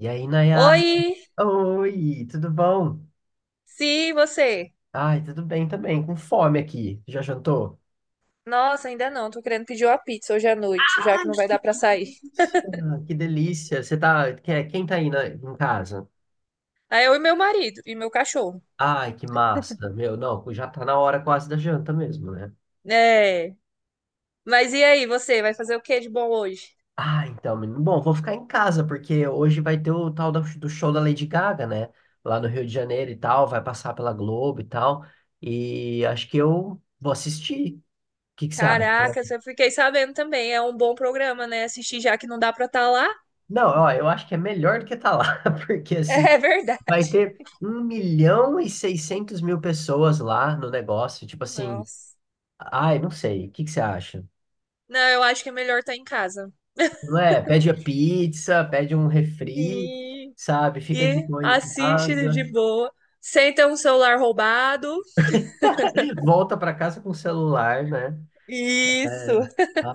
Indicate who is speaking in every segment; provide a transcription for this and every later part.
Speaker 1: E aí, Nayara?
Speaker 2: Oi,
Speaker 1: Oi, tudo bom?
Speaker 2: sim, você.
Speaker 1: Ai, tudo bem também, com fome aqui. Já jantou?
Speaker 2: Nossa, ainda não, tô querendo pedir uma pizza hoje à noite, já que não vai dar pra sair.
Speaker 1: Ah, que delícia. Você tá. Quem tá aí em casa?
Speaker 2: Aí eu e meu marido e meu cachorro.
Speaker 1: Ai, que massa. Meu, não, já tá na hora quase da janta mesmo, né?
Speaker 2: É. Mas e aí, você vai fazer o que de bom hoje?
Speaker 1: Ah, então, menino. Bom, vou ficar em casa, porque hoje vai ter o tal do show da Lady Gaga, né? Lá no Rio de Janeiro e tal, vai passar pela Globo e tal. E acho que eu vou assistir. O que que você acha?
Speaker 2: Caraca, eu fiquei sabendo também, é um bom programa, né? Assistir já que não dá pra estar lá.
Speaker 1: Não, ó, eu acho que é melhor do que tá lá, porque assim.
Speaker 2: É verdade.
Speaker 1: Vai ter 1.600.000 pessoas lá no negócio. Tipo assim,
Speaker 2: Nossa.
Speaker 1: ai, não sei, o que que você acha?
Speaker 2: Não, eu acho que é melhor estar em casa.
Speaker 1: Não é? Pede a pizza, pede um refri,
Speaker 2: Sim.
Speaker 1: sabe? Fica de
Speaker 2: E
Speaker 1: boa em
Speaker 2: assiste
Speaker 1: casa,
Speaker 2: de boa. Sem ter um celular roubado.
Speaker 1: volta pra casa com o celular, né?
Speaker 2: Isso.
Speaker 1: É.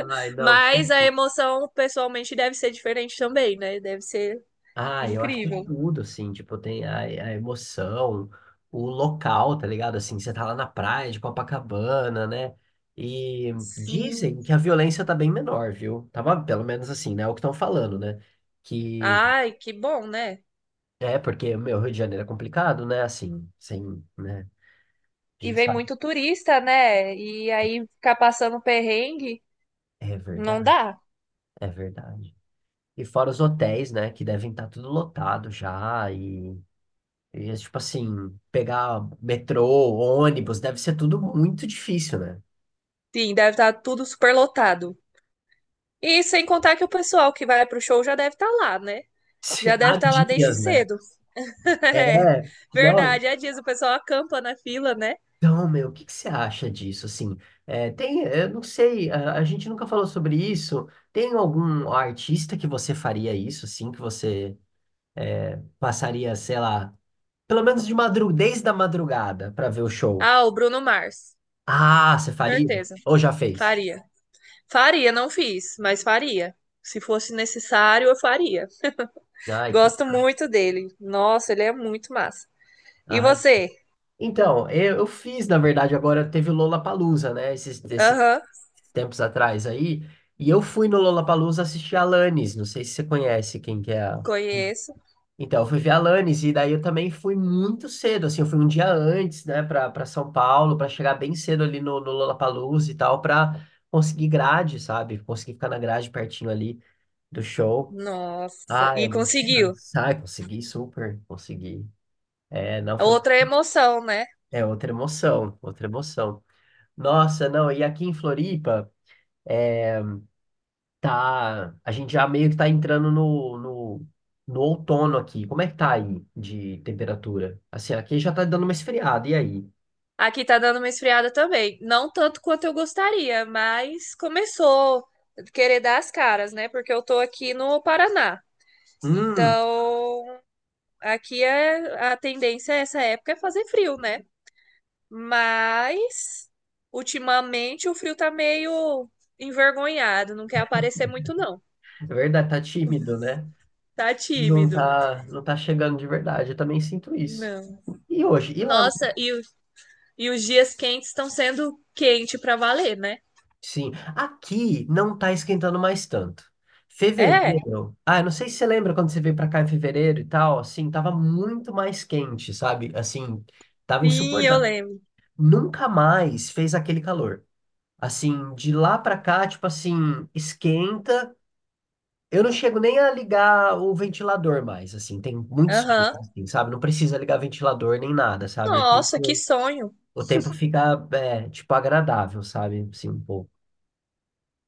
Speaker 1: Ai, não.
Speaker 2: Mas a emoção, pessoalmente, deve ser diferente também, né? Deve ser
Speaker 1: Ah, eu acho que
Speaker 2: incrível.
Speaker 1: tudo, assim, tipo, tem a emoção, o local, tá ligado? Assim, você tá lá na praia de Copacabana, né? E
Speaker 2: Sim.
Speaker 1: dizem que a violência tá bem menor, viu? Tava, pelo menos assim, né? É o que estão falando, né? Que
Speaker 2: Ai, que bom, né?
Speaker 1: é porque, meu, Rio de Janeiro é complicado, né? Assim, sem, né? A
Speaker 2: E
Speaker 1: gente
Speaker 2: vem
Speaker 1: sabe.
Speaker 2: muito turista, né? E aí ficar passando perrengue,
Speaker 1: É
Speaker 2: não
Speaker 1: verdade,
Speaker 2: dá.
Speaker 1: é verdade. E fora os hotéis, né? Que devem estar tudo lotado já. E... E, tipo assim, pegar metrô, ônibus, deve ser tudo muito difícil, né?
Speaker 2: Sim, deve estar tudo super lotado. E sem contar que o pessoal que vai pro show já deve estar lá, né? Já deve
Speaker 1: Há
Speaker 2: estar lá desde
Speaker 1: dias, né?
Speaker 2: cedo.
Speaker 1: É,
Speaker 2: É,
Speaker 1: não.
Speaker 2: verdade, é disso. O pessoal acampa na fila, né?
Speaker 1: Então, meu, o que que você acha disso? Assim, é, tem, eu não sei, a gente nunca falou sobre isso. Tem algum artista que você faria isso, assim, que você passaria, sei lá, pelo menos de madru desde a madrugada para ver o show?
Speaker 2: Ah, o Bruno Mars.
Speaker 1: Ah, você faria?
Speaker 2: Certeza.
Speaker 1: Ou já fez?
Speaker 2: Faria. Faria, não fiz, mas faria. Se fosse necessário, eu faria.
Speaker 1: Ai, que,
Speaker 2: Gosto muito dele. Nossa, ele é muito massa. E
Speaker 1: ai.
Speaker 2: você?
Speaker 1: Então, eu fiz, na verdade, agora teve o Lollapalooza, né? Esses
Speaker 2: Aham,
Speaker 1: tempos atrás aí. E eu fui no Lollapalooza assistir a Alanis. Não sei se você conhece quem que é a...
Speaker 2: conheço.
Speaker 1: Então, eu fui ver a Alanis e daí eu também fui muito cedo, assim, eu fui um dia antes, né, para São Paulo, para chegar bem cedo ali no Lollapalooza e tal, para conseguir grade, sabe? Conseguir ficar na grade pertinho ali do show.
Speaker 2: Nossa,
Speaker 1: Ah, é
Speaker 2: e
Speaker 1: muito
Speaker 2: conseguiu.
Speaker 1: nice. Ah, consegui, super, consegui. É, não foi,
Speaker 2: Outra emoção, né?
Speaker 1: é outra emoção, outra emoção. Nossa, não, e aqui em Floripa, é, tá, a gente já meio que tá entrando no outono aqui. Como é que tá aí de temperatura? Assim, aqui já tá dando uma esfriada, e aí?
Speaker 2: Aqui tá dando uma esfriada também. Não tanto quanto eu gostaria, mas começou a querer dar as caras, né? Porque eu tô aqui no Paraná.
Speaker 1: Hum,
Speaker 2: Então, aqui é a tendência essa época é fazer frio, né? Mas ultimamente o Frio tá meio envergonhado, não quer aparecer muito, não.
Speaker 1: É verdade, tá tímido, né?
Speaker 2: Tá
Speaker 1: Não
Speaker 2: tímido.
Speaker 1: tá, não tá chegando de verdade, eu também sinto isso.
Speaker 2: Não.
Speaker 1: E hoje, e lá?
Speaker 2: Nossa, e os dias quentes estão sendo quente pra valer, né?
Speaker 1: Sim, aqui não tá esquentando mais tanto.
Speaker 2: É,
Speaker 1: Fevereiro, ah, eu não sei se você lembra quando você veio pra cá em fevereiro e tal, assim, tava muito mais quente, sabe? Assim, tava
Speaker 2: sim, eu
Speaker 1: insuportável.
Speaker 2: lembro.
Speaker 1: Nunca mais fez aquele calor. Assim, de lá pra cá, tipo assim, esquenta. Eu não chego nem a ligar o ventilador mais, assim, tem muitos dias,
Speaker 2: Aham.
Speaker 1: assim, sabe? Não precisa ligar ventilador nem nada, sabe? O
Speaker 2: Nossa, que
Speaker 1: tempo,
Speaker 2: sonho.
Speaker 1: o tempo fica, é, tipo, agradável, sabe? Assim, um pouco.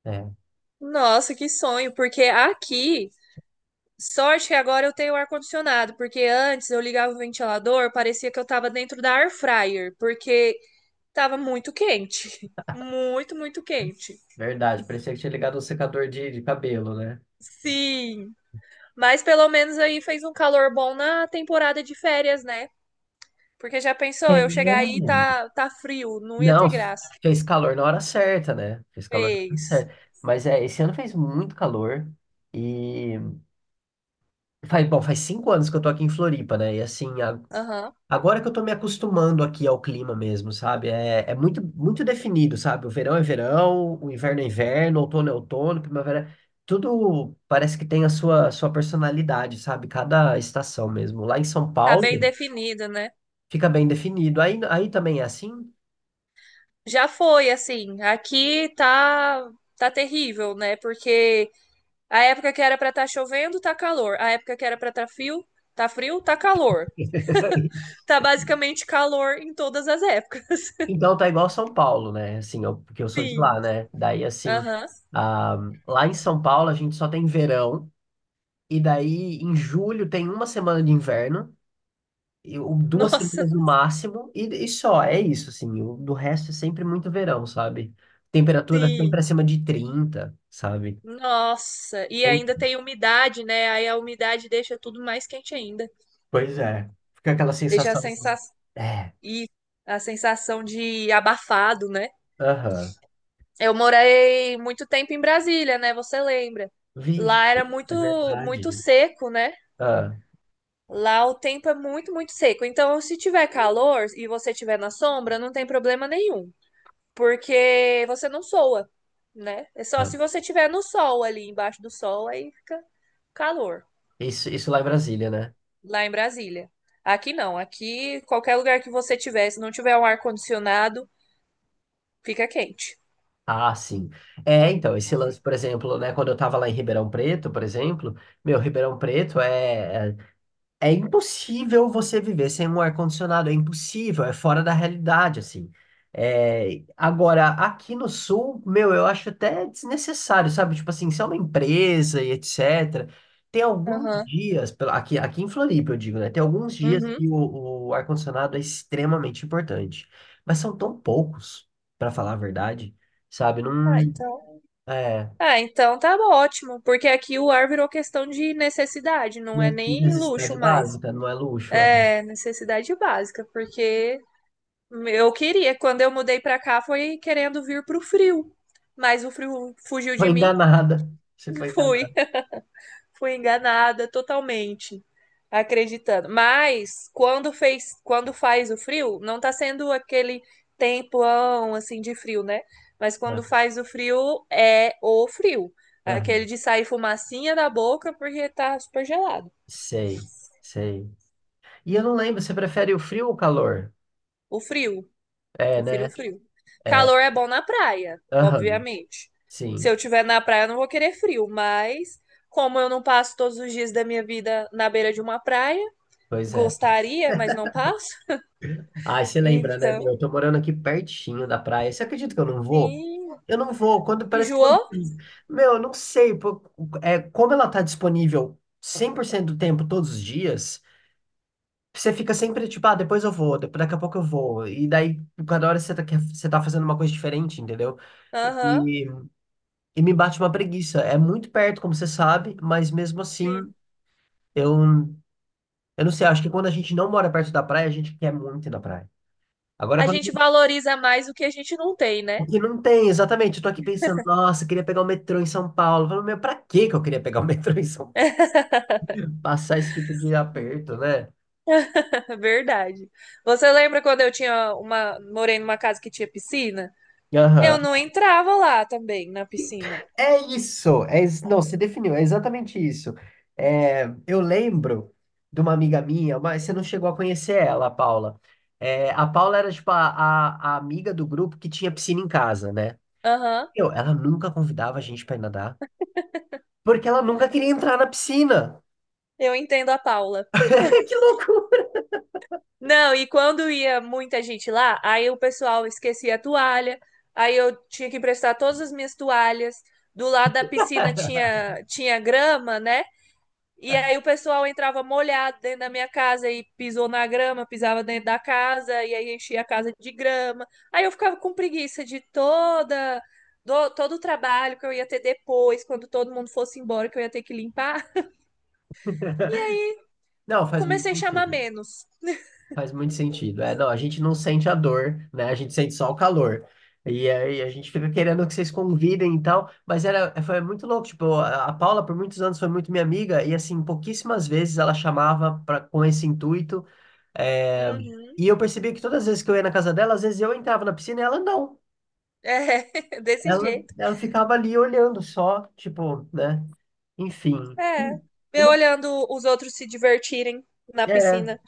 Speaker 1: É,
Speaker 2: Nossa, que sonho, porque aqui, sorte que agora eu tenho ar-condicionado, porque antes eu ligava o ventilador, parecia que eu tava dentro da air fryer, porque tava muito quente. Muito, muito quente.
Speaker 1: verdade. Parecia que tinha ligado um secador de cabelo, né?
Speaker 2: Sim, mas pelo menos aí fez um calor bom na temporada de férias, né? Porque já pensou,
Speaker 1: É.
Speaker 2: eu chegar aí e tá, tá frio, não ia
Speaker 1: Não,
Speaker 2: ter graça.
Speaker 1: fez calor na hora certa, né? Fez calor na hora
Speaker 2: Fez.
Speaker 1: certa. Mas é, esse ano fez muito calor. e Bom, faz 5 anos que eu tô aqui em Floripa, né? E assim,
Speaker 2: Aham.
Speaker 1: agora que eu tô me acostumando aqui ao clima mesmo, sabe? É, é muito, muito definido, sabe? O verão é verão, o inverno é inverno, outono é outono, primavera. Tudo parece que tem a sua personalidade, sabe? Cada estação mesmo. Lá em São
Speaker 2: Tá bem
Speaker 1: Paulo,
Speaker 2: definido, né?
Speaker 1: fica bem definido. Aí também é assim?
Speaker 2: Já foi, assim, aqui tá terrível, né? Porque a época que era pra tá chovendo, tá calor. A época que era pra tá frio, tá frio, tá calor. Tá basicamente calor em todas as épocas.
Speaker 1: Então tá igual São Paulo, né? Assim, porque eu sou de
Speaker 2: Sim.
Speaker 1: lá, né? Daí, assim,
Speaker 2: Aham.
Speaker 1: ah, lá em São Paulo a gente só tem verão. E daí, em julho, tem uma semana de inverno, e, ou duas
Speaker 2: Nossa,
Speaker 1: semanas no máximo, e só, é isso, assim. Do resto é sempre muito verão, sabe? Temperatura sempre
Speaker 2: sim.
Speaker 1: acima de 30, sabe?
Speaker 2: Nossa, e
Speaker 1: Tem-
Speaker 2: ainda tem umidade, né? Aí a umidade deixa tudo mais quente ainda.
Speaker 1: Pois é. Fica aquela
Speaker 2: Deixa a
Speaker 1: sensação.
Speaker 2: sensação
Speaker 1: É,
Speaker 2: e a sensação de abafado, né?
Speaker 1: aham.
Speaker 2: Eu morei muito tempo em Brasília, né? Você lembra?
Speaker 1: Vixe,
Speaker 2: Lá era
Speaker 1: é
Speaker 2: muito muito
Speaker 1: verdade.
Speaker 2: seco, né?
Speaker 1: Ah,
Speaker 2: Lá o tempo é muito, muito seco. Então, se tiver calor e você estiver na sombra, não tem problema nenhum, porque você não soa, né? É só
Speaker 1: ah.
Speaker 2: se você estiver no sol ali, embaixo do sol, aí fica calor.
Speaker 1: Isso lá em Brasília, né?
Speaker 2: Lá em Brasília. Aqui não, aqui qualquer lugar que você tiver, se não tiver um ar-condicionado, fica quente.
Speaker 1: Ah, sim. É, então, esse lance, por exemplo, né, quando eu tava lá em Ribeirão Preto, por exemplo, meu, Ribeirão Preto é impossível você viver sem um ar-condicionado, é impossível, é fora da realidade, assim. É, agora, aqui no Sul, meu, eu acho até desnecessário, sabe? Tipo assim, se é uma empresa e etc., tem alguns
Speaker 2: Aham.
Speaker 1: dias, aqui, em Floripa, eu digo, né? Tem alguns dias
Speaker 2: Uhum.
Speaker 1: que o ar-condicionado é extremamente importante, mas são tão poucos, para falar a verdade, sabe?
Speaker 2: Ah,
Speaker 1: Não
Speaker 2: então.
Speaker 1: é
Speaker 2: Ah, então tá ótimo, porque aqui o ar virou questão de necessidade, não é
Speaker 1: né,
Speaker 2: nem luxo
Speaker 1: necessidade
Speaker 2: mais.
Speaker 1: básica, não é luxo, é.
Speaker 2: É necessidade básica, porque eu queria, quando eu mudei pra cá, foi querendo vir pro frio, mas o frio fugiu de
Speaker 1: Foi
Speaker 2: mim,
Speaker 1: enganada, você foi
Speaker 2: fui.
Speaker 1: enganada,
Speaker 2: Fui enganada totalmente, acreditando. Mas quando fez, quando faz o frio, não tá sendo aquele tempão assim de frio, né? Mas quando
Speaker 1: né?
Speaker 2: faz o frio é o frio, aquele de sair fumacinha da boca porque tá super gelado.
Speaker 1: Sei, sei. E eu não lembro, você prefere o frio ou o calor?
Speaker 2: O frio,
Speaker 1: É,
Speaker 2: prefiro o
Speaker 1: né?
Speaker 2: frio.
Speaker 1: É.
Speaker 2: Calor é bom na praia,
Speaker 1: Aham,
Speaker 2: obviamente. Se
Speaker 1: sim.
Speaker 2: eu tiver na praia, eu não vou querer frio, mas como eu não passo todos os dias da minha vida na beira de uma praia,
Speaker 1: Pois é.
Speaker 2: gostaria, mas não passo.
Speaker 1: Ai, você lembra, né, meu?
Speaker 2: Então,
Speaker 1: Eu tô morando aqui pertinho da praia. Você acredita que eu não vou?
Speaker 2: sim.
Speaker 1: Eu não vou. Quando parece que. Quando-
Speaker 2: Enjoou?
Speaker 1: Meu, eu não sei, pô. É, como ela tá disponível 100% do tempo, todos os dias, você fica sempre tipo, ah, depois eu vou, daqui a pouco eu vou. E daí, cada hora você tá, você tá fazendo uma coisa diferente, entendeu?
Speaker 2: Aham,
Speaker 1: E me bate uma preguiça. É muito perto, como você sabe, mas mesmo assim,
Speaker 2: sim.
Speaker 1: eu, eu não sei. Acho que quando a gente não mora perto da praia, a gente quer muito ir na praia. Agora,
Speaker 2: A
Speaker 1: quando a
Speaker 2: gente
Speaker 1: gente.
Speaker 2: valoriza mais o que a gente não tem,
Speaker 1: O
Speaker 2: né?
Speaker 1: que não tem, exatamente. Eu tô aqui pensando, nossa, eu queria pegar o metrô em São Paulo. Eu falo, meu, pra que que eu queria pegar o metrô em São Paulo? Passar esse tipo de aperto, né?
Speaker 2: Verdade. Você lembra quando eu tinha uma, morei numa casa que tinha piscina? Eu
Speaker 1: Aham.
Speaker 2: não entrava lá também na piscina.
Speaker 1: É isso, não, você definiu, é exatamente isso. É, eu lembro de uma amiga minha, mas você não chegou a conhecer ela, a Paula. É, a Paula era tipo a amiga do grupo que tinha piscina em casa, né?
Speaker 2: Aham,
Speaker 1: Ela nunca convidava a gente pra ir nadar, porque ela nunca queria entrar na piscina.
Speaker 2: eu entendo a Paula.
Speaker 1: Que loucura!
Speaker 2: Não, e quando ia muita gente lá, aí o pessoal esquecia a toalha, aí eu tinha que emprestar todas as minhas toalhas. Do lado da piscina tinha, tinha grama, né? E aí o pessoal entrava molhado dentro da minha casa e pisou na grama, pisava dentro da casa e aí enchia a casa de grama. Aí eu ficava com preguiça de todo o trabalho que eu ia ter depois, quando todo mundo fosse embora, que eu ia ter que limpar.
Speaker 1: Não, faz muito
Speaker 2: Comecei a chamar
Speaker 1: sentido.
Speaker 2: menos.
Speaker 1: Faz muito sentido. É, não, a gente não sente a dor, né? A gente sente só o calor. E aí a gente fica querendo que vocês convidem e tal, mas era, foi muito louco. Tipo, a Paula por muitos anos foi muito minha amiga e assim, pouquíssimas vezes ela chamava pra, com esse intuito. É,
Speaker 2: Uhum.
Speaker 1: e eu percebi que todas as vezes que eu ia na casa dela, às vezes eu entrava na piscina e ela não.
Speaker 2: É, desse
Speaker 1: Ela,
Speaker 2: jeito.
Speaker 1: ela ficava ali olhando só, tipo, né? Enfim.
Speaker 2: É.
Speaker 1: E
Speaker 2: Eu
Speaker 1: não,
Speaker 2: olhando os outros se divertirem na
Speaker 1: é,
Speaker 2: piscina.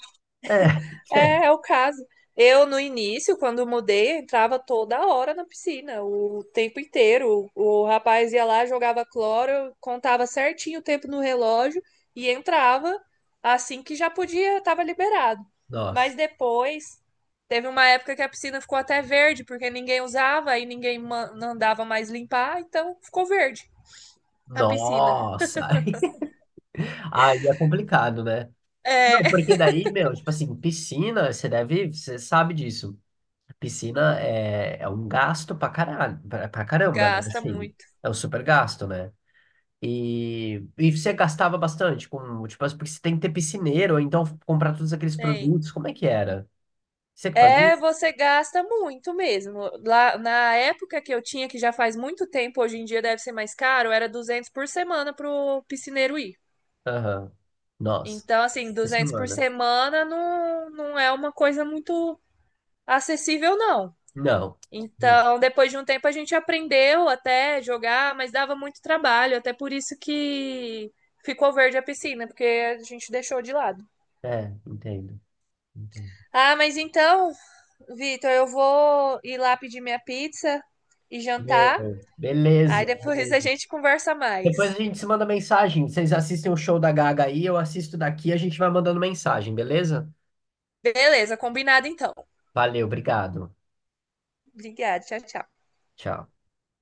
Speaker 1: é. É.
Speaker 2: É, é o caso. Eu, no início, quando mudei, entrava toda hora na piscina, o tempo inteiro. O rapaz ia lá, jogava cloro, contava certinho o tempo no relógio e entrava assim que já podia, estava liberado.
Speaker 1: Nossa.
Speaker 2: Mas depois, teve uma época que a piscina ficou até verde, porque ninguém usava e ninguém mandava mais limpar, então ficou verde a piscina.
Speaker 1: Nossa. Aí é complicado, né?
Speaker 2: É,
Speaker 1: Não, porque daí, meu, tipo assim, piscina, você sabe disso. Piscina é um gasto pra caralho, pra caramba, né?
Speaker 2: gasta
Speaker 1: Assim,
Speaker 2: muito.
Speaker 1: é um super gasto, né? E você gastava bastante com, tipo, porque você tem que ter piscineiro, ou então comprar todos aqueles
Speaker 2: Tem.
Speaker 1: produtos, como é que era? Você que fazia?
Speaker 2: É, você gasta muito mesmo. Lá na época que eu tinha, que já faz muito tempo, hoje em dia deve ser mais caro, era 200 por semana pro piscineiro ir.
Speaker 1: Aham. Nossa,
Speaker 2: Então, assim,
Speaker 1: por
Speaker 2: 200 por
Speaker 1: semana.
Speaker 2: semana não, não é uma coisa muito acessível, não.
Speaker 1: Não. Hum,
Speaker 2: Então, depois de um tempo a gente aprendeu até jogar, mas dava muito trabalho, até por isso que ficou verde a piscina, porque a gente deixou de lado.
Speaker 1: É, entendo, entendo.
Speaker 2: Ah, mas então, Vitor, eu vou ir lá pedir minha pizza e jantar.
Speaker 1: Meu,
Speaker 2: Aí
Speaker 1: beleza,
Speaker 2: depois a
Speaker 1: beleza.
Speaker 2: gente conversa mais.
Speaker 1: Depois a gente se manda mensagem. Vocês assistem o show da Gaga aí, eu assisto daqui, a gente vai mandando mensagem, beleza?
Speaker 2: Beleza, combinado então.
Speaker 1: Valeu, obrigado.
Speaker 2: Obrigada, tchau, tchau.
Speaker 1: Tchau.